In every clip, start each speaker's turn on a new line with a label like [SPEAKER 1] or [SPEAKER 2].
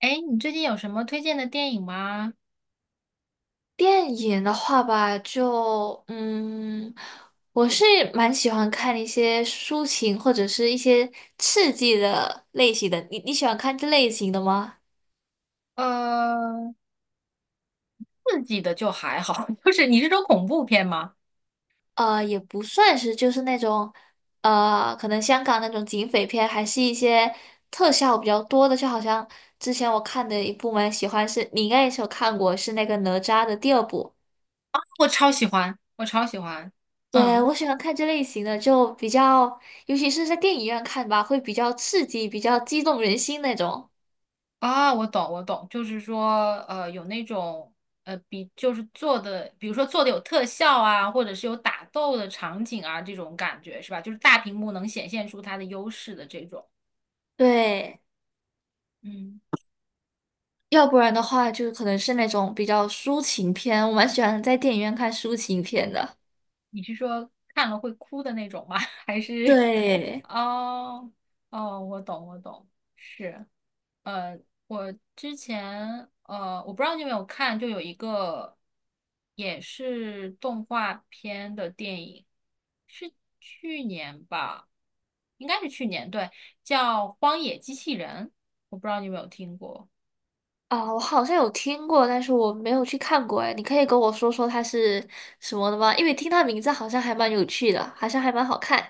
[SPEAKER 1] 哎，你最近有什么推荐的电影吗？
[SPEAKER 2] 电影的话吧，我是蛮喜欢看一些抒情或者是一些刺激的类型的。你喜欢看这类型的吗？
[SPEAKER 1] 呃，刺激的就还好，就是你是说恐怖片吗？
[SPEAKER 2] 也不算是，就是那种可能香港那种警匪片，还是一些特效比较多的。就好像之前我看的一部蛮喜欢是，你应该也是有看过，是那个哪吒的第二部。
[SPEAKER 1] 我超喜欢，我超喜欢。
[SPEAKER 2] 对，
[SPEAKER 1] 嗯。
[SPEAKER 2] 我喜欢看这类型的，就比较，尤其是在电影院看吧，会比较刺激，比较激动人心那种。
[SPEAKER 1] 啊，我懂，我懂，就是说，有那种，比如说做的有特效啊，或者是有打斗的场景啊，这种感觉是吧？就是大屏幕能显现出它的优势的这种。
[SPEAKER 2] 对，
[SPEAKER 1] 嗯。
[SPEAKER 2] 要不然的话，就可能是那种比较抒情片，我蛮喜欢在电影院看抒情片的。
[SPEAKER 1] 你是说看了会哭的那种吗？还是？
[SPEAKER 2] 对。
[SPEAKER 1] 哦。哦，我懂，我懂，是。呃，我之前我不知道你有没有看，就有一个也是动画片的电影，是去年吧，应该是去年，对，叫《荒野机器人》，我不知道你有没有听过。
[SPEAKER 2] 啊，我好像有听过，但是我没有去看过。哎，你可以跟我说说它是什么的吗？因为听它名字好像还蛮有趣的，好像还蛮好看。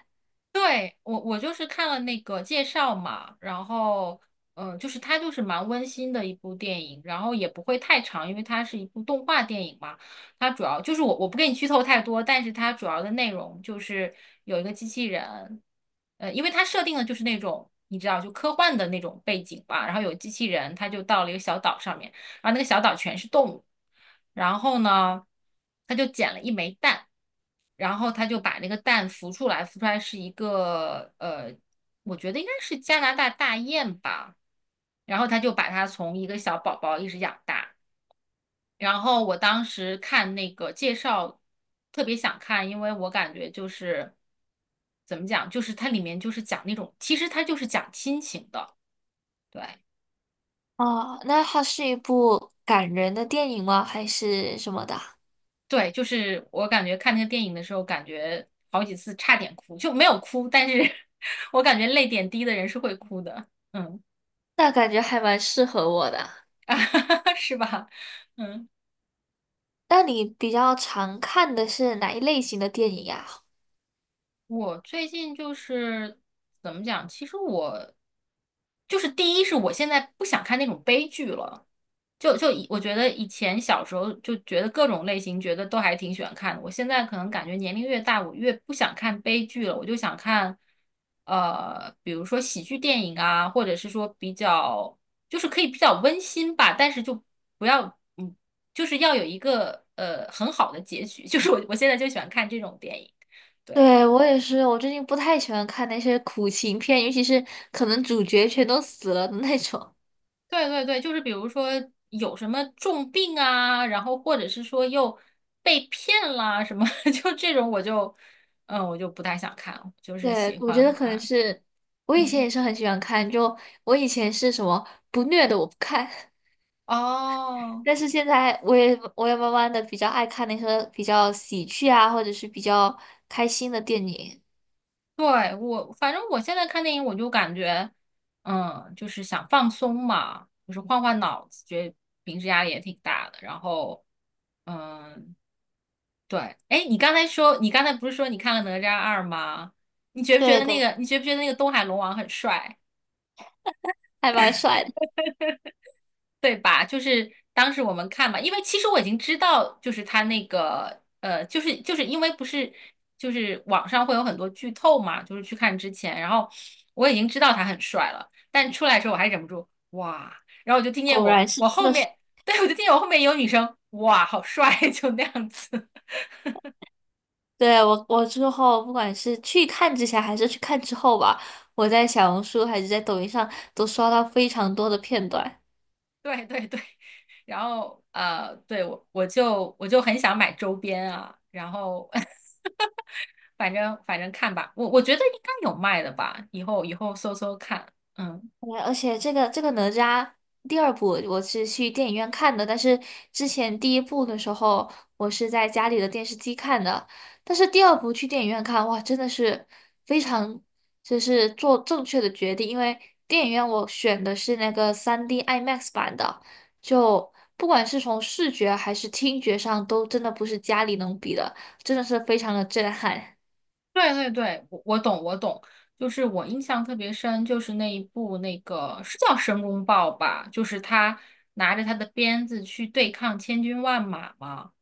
[SPEAKER 1] 对，我就是看了那个介绍嘛，然后就是它就是蛮温馨的一部电影，然后也不会太长，因为它是一部动画电影嘛。它主要就是我不给你剧透太多，但是它主要的内容就是有一个机器人。因为它设定的就是那种你知道就科幻的那种背景吧，然后有机器人，它就到了一个小岛上面。然后那个小岛全是动物。然后呢，他就捡了一枚蛋，然后他就把那个蛋孵出来，孵出来是一个我觉得应该是加拿大大雁吧。然后他就把它从一个小宝宝一直养大。然后我当时看那个介绍，特别想看，因为我感觉就是怎么讲，就是它里面就是讲那种，其实它就是讲亲情的，对。
[SPEAKER 2] 哦，那它是一部感人的电影吗？还是什么的？
[SPEAKER 1] 对，就是我感觉看那个电影的时候，感觉好几次差点哭，就没有哭，但是 我感觉泪点低的人是会哭的，嗯。
[SPEAKER 2] 那感觉还蛮适合我的。
[SPEAKER 1] 是吧？嗯。
[SPEAKER 2] 那你比较常看的是哪一类型的电影呀？
[SPEAKER 1] 我最近就是怎么讲？其实我就是第一是我现在不想看那种悲剧了，就以我觉得以前小时候就觉得各种类型觉得都还挺喜欢看的，我现在可能感觉年龄越大，我越不想看悲剧了，我就想看比如说喜剧电影啊，或者是说比较就是可以比较温馨吧，但是就不要嗯，就是要有一个很好的结局，就是我现在就喜欢看这种电影，对。
[SPEAKER 2] 对，我也是，我最近不太喜欢看那些苦情片，尤其是可能主角全都死了的那种。
[SPEAKER 1] 对对对，就是比如说有什么重病啊，然后或者是说又被骗啦什么，就这种我就，我就不太想看，就是
[SPEAKER 2] 对，
[SPEAKER 1] 喜
[SPEAKER 2] 我觉
[SPEAKER 1] 欢
[SPEAKER 2] 得可能
[SPEAKER 1] 看。
[SPEAKER 2] 是我以前
[SPEAKER 1] 嗯，
[SPEAKER 2] 也是很喜欢看，就我以前是什么不虐的我不看，
[SPEAKER 1] 哦，
[SPEAKER 2] 但是现在我也慢慢的比较爱看那些比较喜剧啊，或者是比较开心的电影。
[SPEAKER 1] 对，我反正我现在看电影，我就感觉，就是想放松嘛，就是换换脑子，觉得平时压力也挺大的，然后，嗯，对。哎，你刚才说，你刚才不是说你看了《哪吒二》吗？你觉不觉
[SPEAKER 2] 对
[SPEAKER 1] 得那
[SPEAKER 2] 对，
[SPEAKER 1] 个，你觉不觉得那个东海龙王很帅？
[SPEAKER 2] 还蛮帅的。
[SPEAKER 1] 对吧？就是当时我们看嘛，因为其实我已经知道，就是他那个就是因为不是就是网上会有很多剧透嘛，就是去看之前，然后我已经知道他很帅了，但出来的时候我还忍不住哇，然后我就听见
[SPEAKER 2] 果然
[SPEAKER 1] 我
[SPEAKER 2] 是。
[SPEAKER 1] 我
[SPEAKER 2] 真
[SPEAKER 1] 后
[SPEAKER 2] 的。
[SPEAKER 1] 面。对，我就听见我后面有女生哇，好帅，就那样子。
[SPEAKER 2] 对，我之后不管是去看之前还是去看之后吧，我在小红书还是在抖音上都刷到非常多的片段。
[SPEAKER 1] 对对对，然后对我就很想买周边啊，然后 反正看吧，我觉得应该有卖的吧，以后搜搜看，嗯。
[SPEAKER 2] 对，而且这个哪吒第二部我是去电影院看的，但是之前第一部的时候我是在家里的电视机看的，但是第二部去电影院看，哇，真的是非常就是做正确的决定，因为电影院我选的是那个 3D IMAX 版的，就不管是从视觉还是听觉上都真的不是家里能比的，真的是非常的震撼。
[SPEAKER 1] 对对对，我懂我懂，就是我印象特别深，就是那一部那个是叫《申公豹》吧，就是他拿着他的鞭子去对抗千军万马嘛。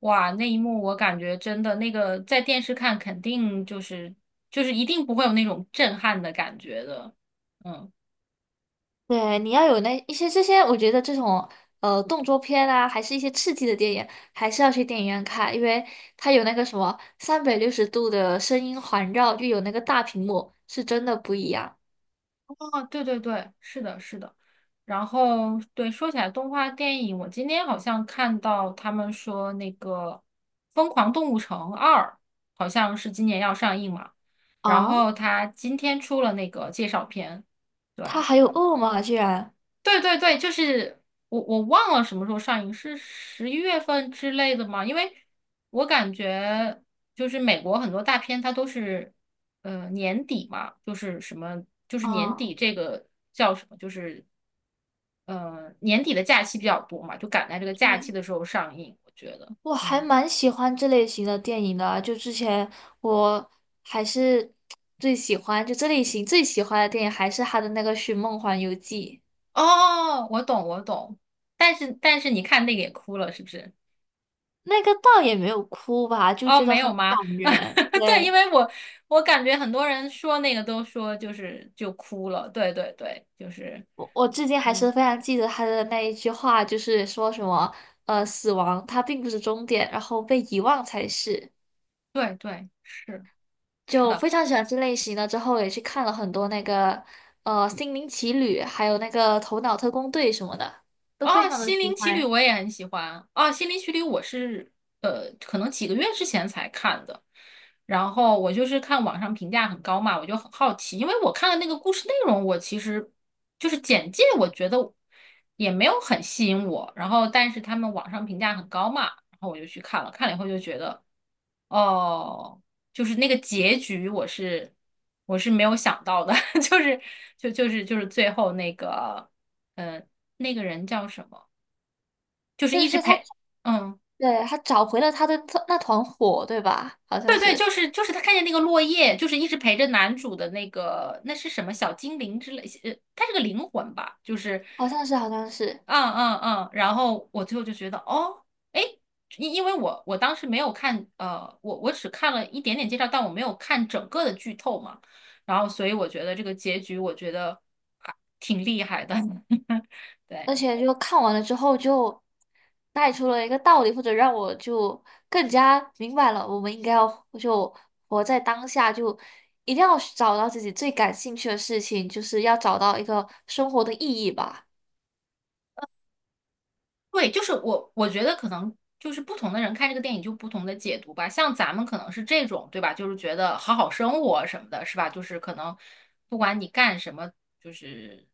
[SPEAKER 1] 哇，那一幕我感觉真的那个在电视看肯定就是一定不会有那种震撼的感觉的，嗯。
[SPEAKER 2] 对，你要有那一些这些，我觉得这种动作片啊，还是一些刺激的电影，还是要去电影院看，因为它有那个什么360度的声音环绕，又有那个大屏幕，是真的不一样
[SPEAKER 1] 哦，对对对，是的，是的。然后，对，说起来动画电影，我今天好像看到他们说那个《疯狂动物城二》好像是今年要上映嘛，然
[SPEAKER 2] 啊！
[SPEAKER 1] 后他今天出了那个介绍片，
[SPEAKER 2] 它
[SPEAKER 1] 对。
[SPEAKER 2] 还有恶魔啊，居然
[SPEAKER 1] 对对对，就是我忘了什么时候上映，是11月份之类的吗？因为我感觉就是美国很多大片它都是年底嘛，就是什么就是年
[SPEAKER 2] 啊！
[SPEAKER 1] 底这个叫什么，就是年底的假期比较多嘛，就赶在这个假
[SPEAKER 2] 对，
[SPEAKER 1] 期的时候上映，我觉得，
[SPEAKER 2] 我还
[SPEAKER 1] 嗯。
[SPEAKER 2] 蛮喜欢这类型的电影的啊，就之前我还是最喜欢，就这类型最喜欢的电影还是他的那个《寻梦环游记》。
[SPEAKER 1] 哦，我懂我懂，但是你看那个也哭了，是不是？
[SPEAKER 2] 那个倒也没有哭吧，就
[SPEAKER 1] 哦，
[SPEAKER 2] 觉得
[SPEAKER 1] 没有
[SPEAKER 2] 很
[SPEAKER 1] 吗？
[SPEAKER 2] 感人。
[SPEAKER 1] 对，因
[SPEAKER 2] 对，
[SPEAKER 1] 为我感觉很多人说那个都说就是就哭了，对对对，就是，
[SPEAKER 2] 我至今还是
[SPEAKER 1] 嗯，
[SPEAKER 2] 非常记得他的那一句话，就是说什么，呃，死亡它并不是终点，然后被遗忘才是。
[SPEAKER 1] 对对是。是
[SPEAKER 2] 就
[SPEAKER 1] 的。
[SPEAKER 2] 非常喜欢这类型的，之后也去看了很多那个，呃，《心灵奇旅》，还有那个《头脑特工队》什么的，都
[SPEAKER 1] 哦，
[SPEAKER 2] 非常的
[SPEAKER 1] 《心灵
[SPEAKER 2] 喜
[SPEAKER 1] 奇旅》
[SPEAKER 2] 欢。
[SPEAKER 1] 我也很喜欢。哦，《心灵奇旅》我是可能几个月之前才看的。然后我就是看网上评价很高嘛，我就很好奇，因为我看的那个故事内容，我其实就是简介，我觉得也没有很吸引我。然后，但是他们网上评价很高嘛，然后我就去看了，看了以后就觉得，哦，就是那个结局，我是没有想到的，就是最后那个。嗯。那个人叫什么？就是一
[SPEAKER 2] 但
[SPEAKER 1] 直
[SPEAKER 2] 是他，
[SPEAKER 1] 陪。嗯。
[SPEAKER 2] 对，他找回了他的特那团火，对吧？好像
[SPEAKER 1] 对对，就
[SPEAKER 2] 是，
[SPEAKER 1] 是他看见那个落叶，就是一直陪着男主的那个，那是什么小精灵之类，他是个灵魂吧，就是。
[SPEAKER 2] 好像是，好像是。
[SPEAKER 1] 嗯嗯嗯，然后我最后就觉得，哦，哎，因为我当时没有看，我只看了一点点介绍，但我没有看整个的剧透嘛，然后所以我觉得这个结局，我觉得还挺厉害的，对。
[SPEAKER 2] 而且就看完了之后就带出了一个道理，或者让我就更加明白了，我们应该要就活在当下，就一定要找到自己最感兴趣的事情，就是要找到一个生活的意义吧。
[SPEAKER 1] 对，就是我觉得可能就是不同的人看这个电影就不同的解读吧。像咱们可能是这种，对吧？就是觉得好好生活什么的，是吧？就是可能不管你干什么，就是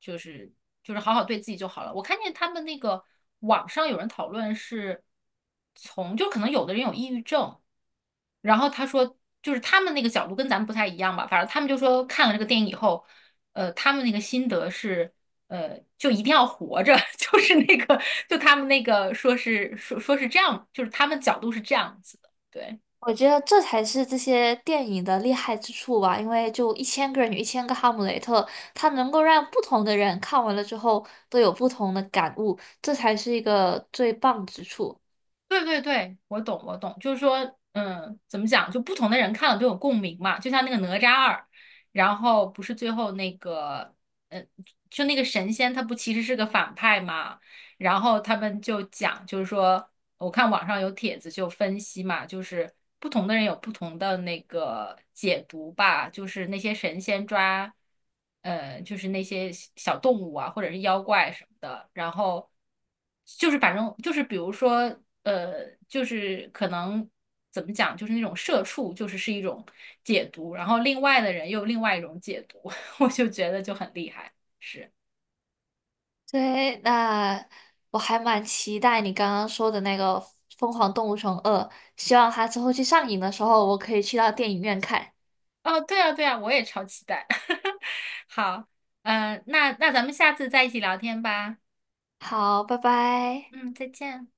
[SPEAKER 1] 就是就是好好对自己就好了。我看见他们那个网上有人讨论是从，就可能有的人有抑郁症，然后他说，就是他们那个角度跟咱们不太一样吧，反正他们就说看了这个电影以后，他们那个心得是，就一定要活着，就是那个，就他们那个说是这样，就是他们角度是这样子的，对。
[SPEAKER 2] 我觉得这才是这些电影的厉害之处吧，因为就一千个人有一千个哈姆雷特，它能够让不同的人看完了之后都有不同的感悟，这才是一个最棒之处。
[SPEAKER 1] 对对对，我懂我懂，就是说，怎么讲，就不同的人看了都有共鸣嘛，就像那个哪吒二，然后不是最后那个，嗯，就那个神仙他不其实是个反派嘛。然后他们就讲，就是说，我看网上有帖子就分析嘛，就是不同的人有不同的那个解读吧，就是那些神仙抓，就是那些小小动物啊，或者是妖怪什么的，然后就是反正就是比如说，就是可能怎么讲，就是那种社畜，就是是一种解读，然后另外的人又有另外一种解读，我就觉得就很厉害，是。
[SPEAKER 2] 对，那我还蛮期待你刚刚说的那个《疯狂动物城二》，希望它之后去上映的时候，我可以去到电影院看。
[SPEAKER 1] 哦，对啊，对啊，我也超期待。好。那咱们下次再一起聊天吧。
[SPEAKER 2] 好，拜拜。
[SPEAKER 1] 嗯，再见。